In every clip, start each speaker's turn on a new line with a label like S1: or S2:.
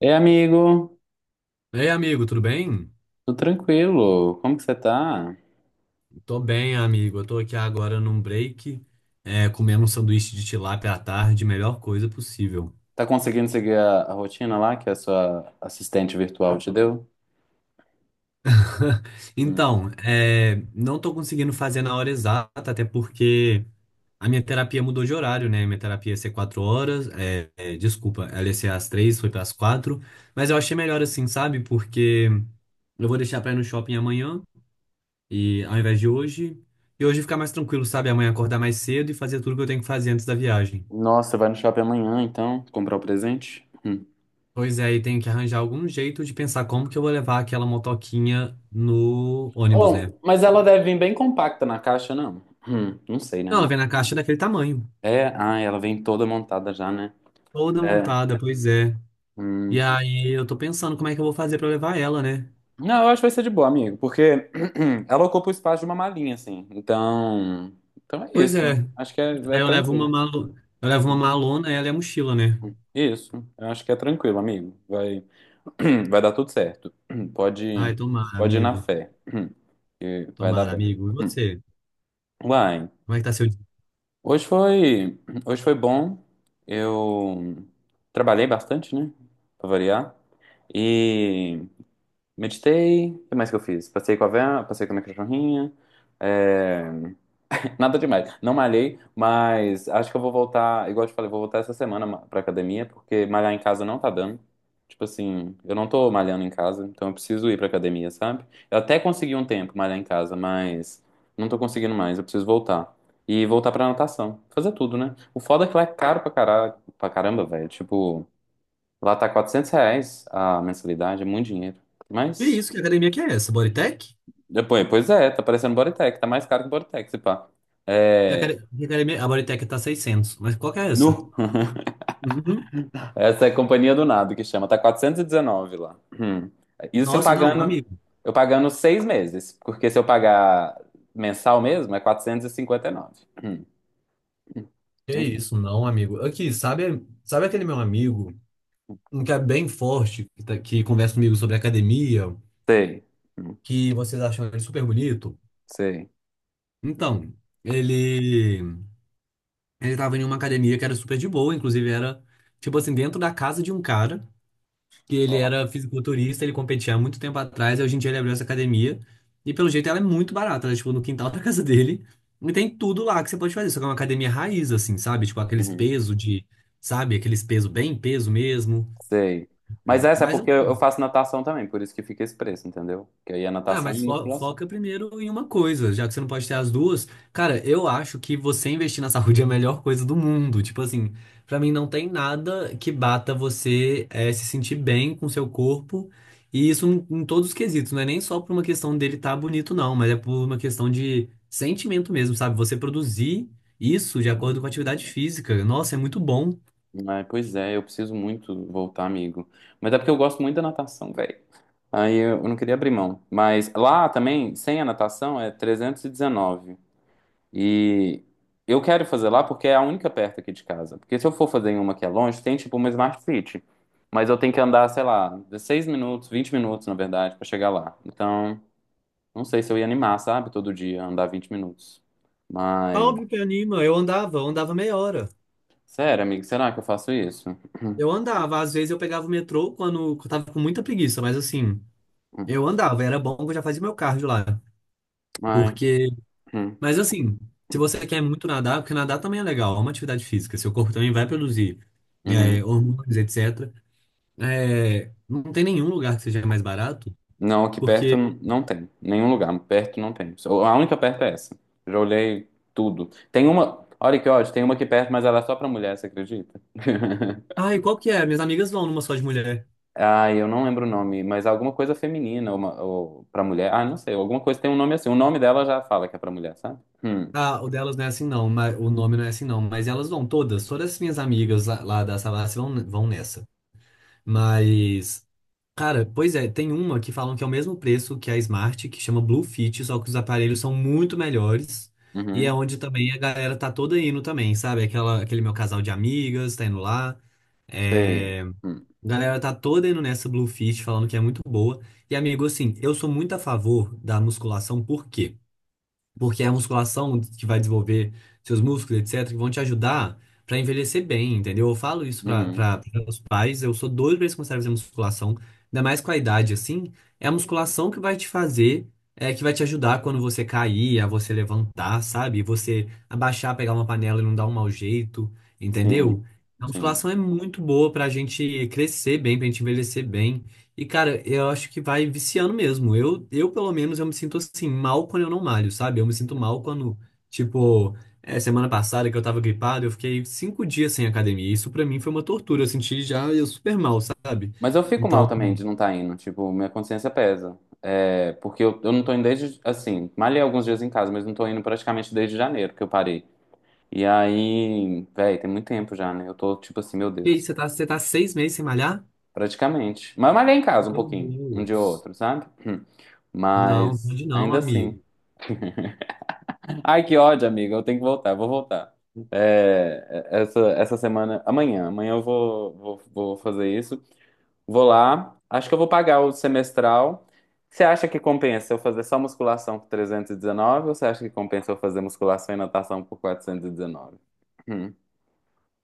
S1: Ei, amigo,
S2: Ei, amigo, tudo bem?
S1: tudo tranquilo? Como que você tá?
S2: Tô bem, amigo. Eu tô aqui agora num break, comendo um sanduíche de tilápia à tarde, melhor coisa possível.
S1: Tá conseguindo seguir a rotina lá que a sua assistente virtual te deu? Hum.
S2: Então, não tô conseguindo fazer na hora exata, até porque a minha terapia mudou de horário, né? Minha terapia ia ser 4 horas, desculpa, ela ia ser às três, foi para as quatro, mas eu achei melhor assim, sabe? Porque eu vou deixar pra ir no shopping amanhã, e ao invés de hoje, e hoje ficar mais tranquilo, sabe? Amanhã acordar mais cedo e fazer tudo que eu tenho que fazer antes da viagem.
S1: Nossa, você vai no shopping amanhã, então, comprar o presente? Hum.
S2: Pois é, e tenho que arranjar algum jeito de pensar como que eu vou levar aquela motoquinha no ônibus, né?
S1: Bom, mas ela deve vir bem compacta na caixa, não? Não sei, né?
S2: Não, ela vem na caixa daquele tamanho,
S1: É, ah, ela vem toda montada já, né?
S2: toda
S1: É.
S2: montada, pois é. E
S1: Hum.
S2: aí eu tô pensando como é que eu vou fazer pra levar ela, né?
S1: Não, eu acho que vai ser de boa, amigo, porque ela ocupa o espaço de uma malinha, assim. Então, é
S2: Pois é.
S1: isso. Acho que é
S2: Aí eu levo
S1: tranquilo.
S2: eu levo uma malona, ela é a mochila, né?
S1: Isso, eu acho que é tranquilo, amigo. Vai. Vai dar tudo certo. Pode,
S2: Ai, tomara,
S1: pode ir na
S2: amigo.
S1: fé, que vai dar
S2: Tomara,
S1: bom.
S2: amigo. E você?
S1: Uai,
S2: Como é que tá seu dia?
S1: hoje foi, hoje foi bom. Eu trabalhei bastante, né? Pra variar. E meditei. O que mais que eu fiz? Passei com a Vera, passei com a minha cachorrinha. eh, Nada demais. Não malhei, mas acho que eu vou voltar, igual eu te falei, vou voltar essa semana pra academia, porque malhar em casa não tá dando. Tipo assim, eu não tô malhando em casa, então eu preciso ir pra academia, sabe? Eu até consegui um tempo malhar em casa, mas não tô conseguindo mais, eu preciso voltar. E voltar pra natação. Fazer tudo, né? O foda é que lá é caro pra caralho, pra caramba, velho. Tipo, lá tá R$ 400 a mensalidade, é muito dinheiro.
S2: Que
S1: Mas,
S2: isso? Que academia que é essa? Bodytech?
S1: depois, pois é, tá parecendo Bodytech, tá mais caro que Bodytech, se pá. É.
S2: Que academia... A Bodytech tá 600, mas qual que é essa?
S1: Nu.
S2: Uhum.
S1: Essa é a Companhia do Nado que chama. Tá 419 lá. Hum. Isso se eu
S2: Nossa, não,
S1: pagando,
S2: amigo.
S1: eu pagando 6 meses, porque se eu pagar mensal mesmo é 459.
S2: Que
S1: Enfim,
S2: isso, não, amigo. Aqui, sabe, sabe aquele meu amigo, um que é bem forte, que conversa comigo sobre academia,
S1: sei. Hum.
S2: que vocês acham ele super bonito?
S1: Sei.
S2: Então, ele ele tava em uma academia que era super de boa, inclusive era, tipo assim, dentro da casa de um cara, que ele
S1: Ó.
S2: era fisiculturista, ele competia há muito tempo atrás, e hoje em dia ele abriu essa academia, e pelo jeito ela é muito barata, ela é, tipo, no quintal da casa dele, e tem tudo lá que você pode fazer, só que é uma academia raiz, assim, sabe? Tipo, aqueles
S1: Uhum.
S2: pesos de, sabe? Aqueles pesos bem peso mesmo.
S1: Sei.
S2: É,
S1: Mas essa é
S2: mas
S1: porque eu
S2: assim,
S1: faço natação também, por isso que fica esse preço, entendeu? Que aí é
S2: ah,
S1: natação
S2: mas
S1: e
S2: fo-
S1: musculação.
S2: foca primeiro em uma coisa, já que você não pode ter as duas. Cara, eu acho que você investir na saúde é a melhor coisa do mundo. Tipo assim, pra mim não tem nada que bata você se sentir bem com seu corpo. E isso em todos os quesitos, não é nem só por uma questão dele estar bonito, não, mas é por uma questão de sentimento mesmo, sabe? Você produzir isso de acordo com a atividade física. Nossa, é muito bom.
S1: Mas, pois é, eu preciso muito voltar, amigo. Mas é porque eu gosto muito da natação, velho. Aí eu não queria abrir mão. Mas lá também, sem a natação, é 319. E eu quero fazer lá porque é a única perto aqui de casa. Porque se eu for fazer em uma que é longe, tem tipo uma Smart Fit. Mas eu tenho que andar, sei lá, 16 minutos, 20 minutos, na verdade, pra chegar lá. Então, não sei se eu ia animar, sabe? Todo dia andar 20 minutos. Mas,
S2: Óbvio que anima. Eu andava meia hora.
S1: sério, amigo, será que eu faço isso?
S2: Eu andava, às vezes eu pegava o metrô quando eu tava com muita preguiça, mas assim, eu andava, era bom que eu já fazia meu cardio lá.
S1: mas
S2: Porque,
S1: hum,
S2: mas assim, se você quer muito nadar, porque nadar também é legal, é uma atividade física, seu corpo também vai produzir
S1: uhum.
S2: hormônios, etc. É, não tem nenhum lugar que seja mais barato,
S1: Não, aqui perto
S2: porque,
S1: não tem. Nenhum lugar perto não tem. A única perto é essa. Já olhei tudo. Tem uma. Olha que ódio, tem uma aqui perto, mas ela é só pra mulher, você acredita?
S2: ai, qual que é? Minhas amigas vão numa só de mulher.
S1: Ah, eu não lembro o nome, mas alguma coisa feminina ou, ou pra mulher. Ah, não sei, alguma coisa tem um nome assim. O nome dela já fala que é pra mulher, sabe?
S2: Ah, o delas não é assim não, mas o nome não é assim não, mas elas vão todas, todas as minhas amigas lá da Savassi vão nessa. Mas, cara, pois é, tem uma que falam que é o mesmo preço que a Smart, que chama Blue Fit, só que os aparelhos são muito melhores. E é
S1: Uhum,
S2: onde também a galera tá toda indo também, sabe? Aquele meu casal de amigas tá indo lá.
S1: sei.
S2: É...
S1: Hum,
S2: A galera tá toda indo nessa Blue Fit, falando que é muito boa. E, amigo, assim, eu sou muito a favor da musculação, porque é a musculação que vai desenvolver seus músculos, etc., que vão te ajudar para envelhecer bem, entendeu? Eu falo isso para
S1: uhum,
S2: os pais, eu sou doido para eles começarem a fazer musculação, ainda mais com a idade assim. É a musculação que vai te fazer, que vai te ajudar quando você cair, a você levantar, sabe? Você abaixar, pegar uma panela e não dar um mau jeito,
S1: sim,
S2: entendeu? A
S1: sim.
S2: musculação é muito boa para a gente crescer bem, para a gente envelhecer bem. E, cara, eu acho que vai viciando mesmo. Eu, pelo menos, eu me sinto assim mal quando eu não malho, sabe? Eu me sinto mal quando, tipo, semana passada, que eu tava gripado, eu fiquei 5 dias sem academia. Isso pra mim foi uma tortura. Eu senti já eu super mal, sabe?
S1: Mas eu fico mal
S2: Então,
S1: também de não estar indo, tipo, minha consciência pesa. É, porque eu não tô indo desde, assim, malhei alguns dias em casa, mas não tô indo praticamente desde janeiro que eu parei. E aí, véi, tem muito tempo já, né? Eu tô tipo assim, meu
S2: e aí,
S1: Deus,
S2: você tá 6 meses sem malhar?
S1: praticamente. Mas eu malhei em casa um
S2: Meu
S1: pouquinho, um dia ou
S2: Deus.
S1: outro, sabe? Hum.
S2: Não,
S1: Mas
S2: pode não,
S1: ainda
S2: amigo.
S1: assim. Ai, que ódio, amiga. Eu tenho que voltar, vou voltar. É, essa semana, amanhã eu vou fazer isso. Vou lá, acho que eu vou pagar o semestral. Você acha que compensa eu fazer só musculação por 319 ou você acha que compensa eu fazer musculação e natação por 419? Hum,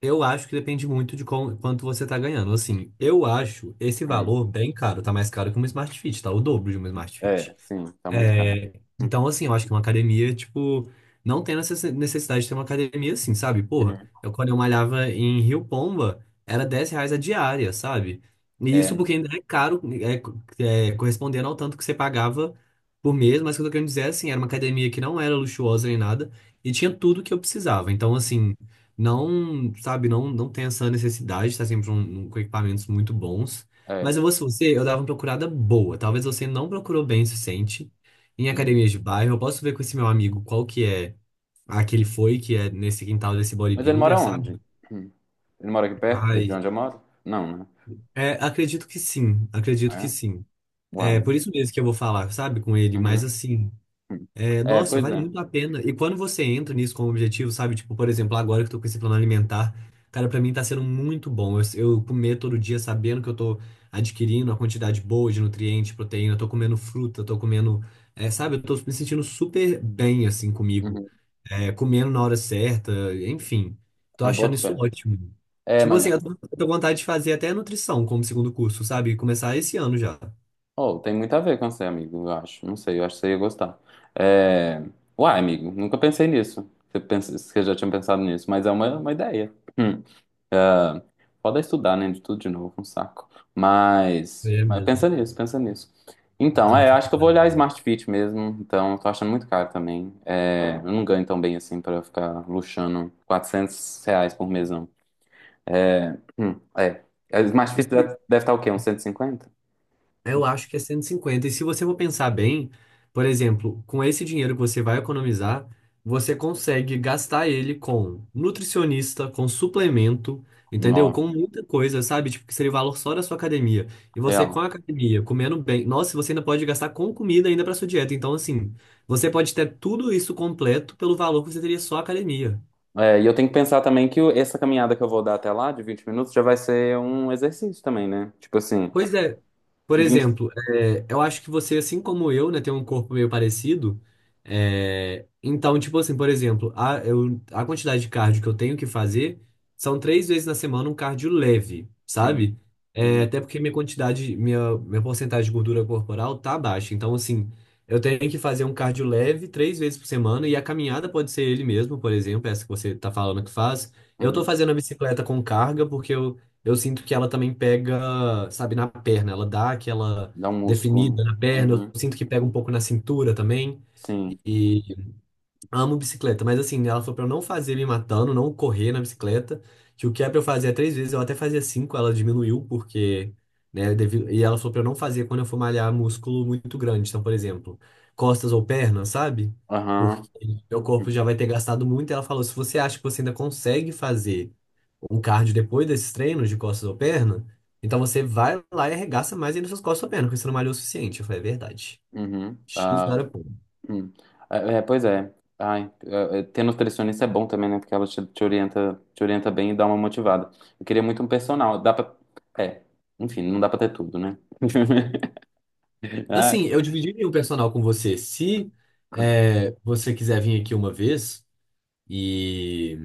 S2: Eu acho que depende muito de quanto você tá ganhando. Assim, eu acho esse
S1: hum.
S2: valor bem caro. Tá mais caro que um Smart Fit, tá? O dobro de um Smart
S1: É,
S2: Fit.
S1: sim, tá muito caro.
S2: É,
S1: Hum,
S2: então, assim, eu acho que uma academia, tipo, não tem necessidade de ter uma academia assim, sabe? Porra,
S1: uhum.
S2: eu quando eu malhava em Rio Pomba, era 10 reais a diária, sabe? E isso
S1: É,
S2: porque ainda é caro, correspondendo ao tanto que você pagava por mês, mas o que eu tô querendo dizer é assim, era uma academia que não era luxuosa nem nada, e tinha tudo que eu precisava. Então, assim, não, sabe, não, não tem essa necessidade de estar sempre com equipamentos muito bons. Mas
S1: é.
S2: eu vou, se você, eu dava uma procurada boa. Talvez você não procurou bem o suficiente. Em
S1: Hum.
S2: academias de bairro, eu posso ver com esse meu amigo qual que é a que ele foi, que é nesse quintal desse
S1: Mas ele mora
S2: bodybuilder,
S1: onde?
S2: sabe?
S1: Hum. Ele mora aqui perto de
S2: Ai.
S1: onde eu moro? Não, né?
S2: É, acredito que sim, acredito que
S1: É?
S2: sim. É
S1: Uai.
S2: por isso mesmo que eu vou falar, sabe, com ele, mas
S1: Uhum.
S2: assim,
S1: Hum. É,
S2: nossa,
S1: pois
S2: vale
S1: é.
S2: muito a pena. E quando você entra nisso como objetivo, sabe, tipo, por exemplo, agora que eu tô com esse plano alimentar, cara, pra mim tá sendo muito bom. Eu comer todo dia sabendo que eu tô adquirindo a quantidade boa de nutriente, proteína, eu tô comendo fruta, eu tô comendo, sabe, eu tô me sentindo super bem, assim, comigo.
S1: Uhum.
S2: Comendo na hora certa, enfim. Tô
S1: Eu
S2: achando
S1: boto
S2: isso
S1: fé.
S2: ótimo.
S1: É,
S2: Tipo assim,
S1: mas...
S2: eu tô com vontade de fazer até nutrição como segundo curso, sabe? Começar esse ano já.
S1: Oh, tem muito a ver com você, amigo, eu acho. Não sei, eu acho que você ia gostar. É... Uai, amigo, nunca pensei nisso. Você, pensa... você já tinha pensado nisso, mas é uma ideia. Hum. Foda estudar, né? De tudo de novo, um saco. Mas...
S2: É
S1: mas
S2: mesmo.
S1: pensa nisso, pensa nisso. Então,
S2: Entrar na
S1: é, acho que eu vou
S2: faculdade.
S1: olhar a Smart Fit mesmo. Então, eu tô achando muito caro também. É, eu não ganho tão bem assim pra ficar luxando R$ 400 por mesão. É, é. A Smart Fit
S2: Né?
S1: deve estar o quê? Uns 150
S2: Eu acho que é 150. E 50. E se você for pensar bem, por exemplo, com esse dinheiro que você vai economizar, você consegue gastar ele com nutricionista, com suplemento, entendeu? Com
S1: Nó.
S2: muita coisa, sabe? Tipo, que seria o valor só da sua academia. E você com
S1: Real.
S2: a academia, comendo bem, nossa, você ainda pode gastar com comida ainda para sua dieta. Então, assim, você pode ter tudo isso completo pelo valor que você teria só a academia.
S1: É, e eu tenho que pensar também que essa caminhada que eu vou dar até lá, de 20 minutos, já vai ser um exercício também, né? Tipo assim,
S2: Pois é, por
S1: 20
S2: exemplo, eu acho que você, assim como eu, né, tem um corpo meio parecido. É, então, tipo assim, por exemplo, a quantidade de cardio que eu tenho que fazer são três vezes na semana, um cardio leve,
S1: Uhum,
S2: sabe? É,
S1: uhum,
S2: até porque minha porcentagem de gordura corporal tá baixa. Então, assim, eu tenho que fazer um cardio leve três vezes por semana, e a caminhada pode ser ele mesmo, por exemplo, essa que você tá falando que faz. Eu tô
S1: uhum.
S2: fazendo a bicicleta com carga porque eu sinto que ela também pega, sabe, na perna. Ela dá aquela
S1: Dá um músculo, né?
S2: definida na perna. Eu
S1: Uhum,
S2: sinto que pega um pouco na cintura também.
S1: sim.
S2: Amo bicicleta, mas assim, ela falou pra eu não fazer me matando, não correr na bicicleta, que o que é pra eu fazer é três vezes, eu até fazia cinco, ela diminuiu, porque, né, e ela falou pra eu não fazer quando eu for malhar músculo muito grande, então, por exemplo, costas ou pernas, sabe? Porque
S1: Aham.
S2: meu corpo já vai ter gastado muito, e ela falou, se você acha que você ainda consegue fazer um cardio depois desses treinos de costas ou perna, então você vai lá e arregaça mais ainda suas costas ou pernas, porque você não malhou o suficiente. Eu falei, é verdade.
S1: Uhum.
S2: X
S1: Ah, hum. É, é, pois é. Ai, ter nutricionista é bom também, né? Porque ela te orienta, te orienta bem e dá uma motivada. Eu queria muito um personal. Dá pra. É, enfim, não dá pra ter tudo, né? Ai,
S2: Assim, eu dividiria o personal com você. Se você quiser vir aqui uma vez, e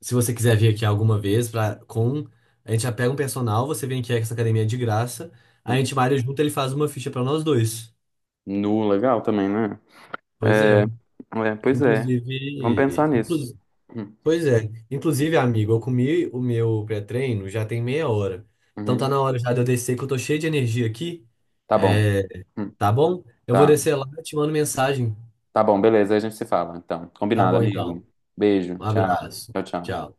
S2: se você quiser vir aqui alguma vez, pra, com, a gente já pega um personal, você vem aqui, a essa academia é de graça, a gente malha junto, ele faz uma ficha pra nós dois.
S1: nu, legal também, né?
S2: Pois
S1: É,
S2: é.
S1: é, pois é. Vamos pensar
S2: Inclusive,
S1: nisso.
S2: inclusive,
S1: Hum,
S2: pois é. Inclusive, amigo, eu comi o meu pré-treino já tem meia hora. Então tá
S1: uhum.
S2: na hora já de eu descer, que eu tô cheio de energia aqui.
S1: Tá bom.
S2: É,
S1: Hum,
S2: tá bom? Eu vou
S1: tá.
S2: descer lá e te mando mensagem.
S1: Tá bom, beleza. Aí a gente se fala. Então,
S2: Tá
S1: combinado,
S2: bom, então.
S1: amigo. Beijo.
S2: Um
S1: Tchau.
S2: abraço.
S1: Tchau, tchau.
S2: Tchau.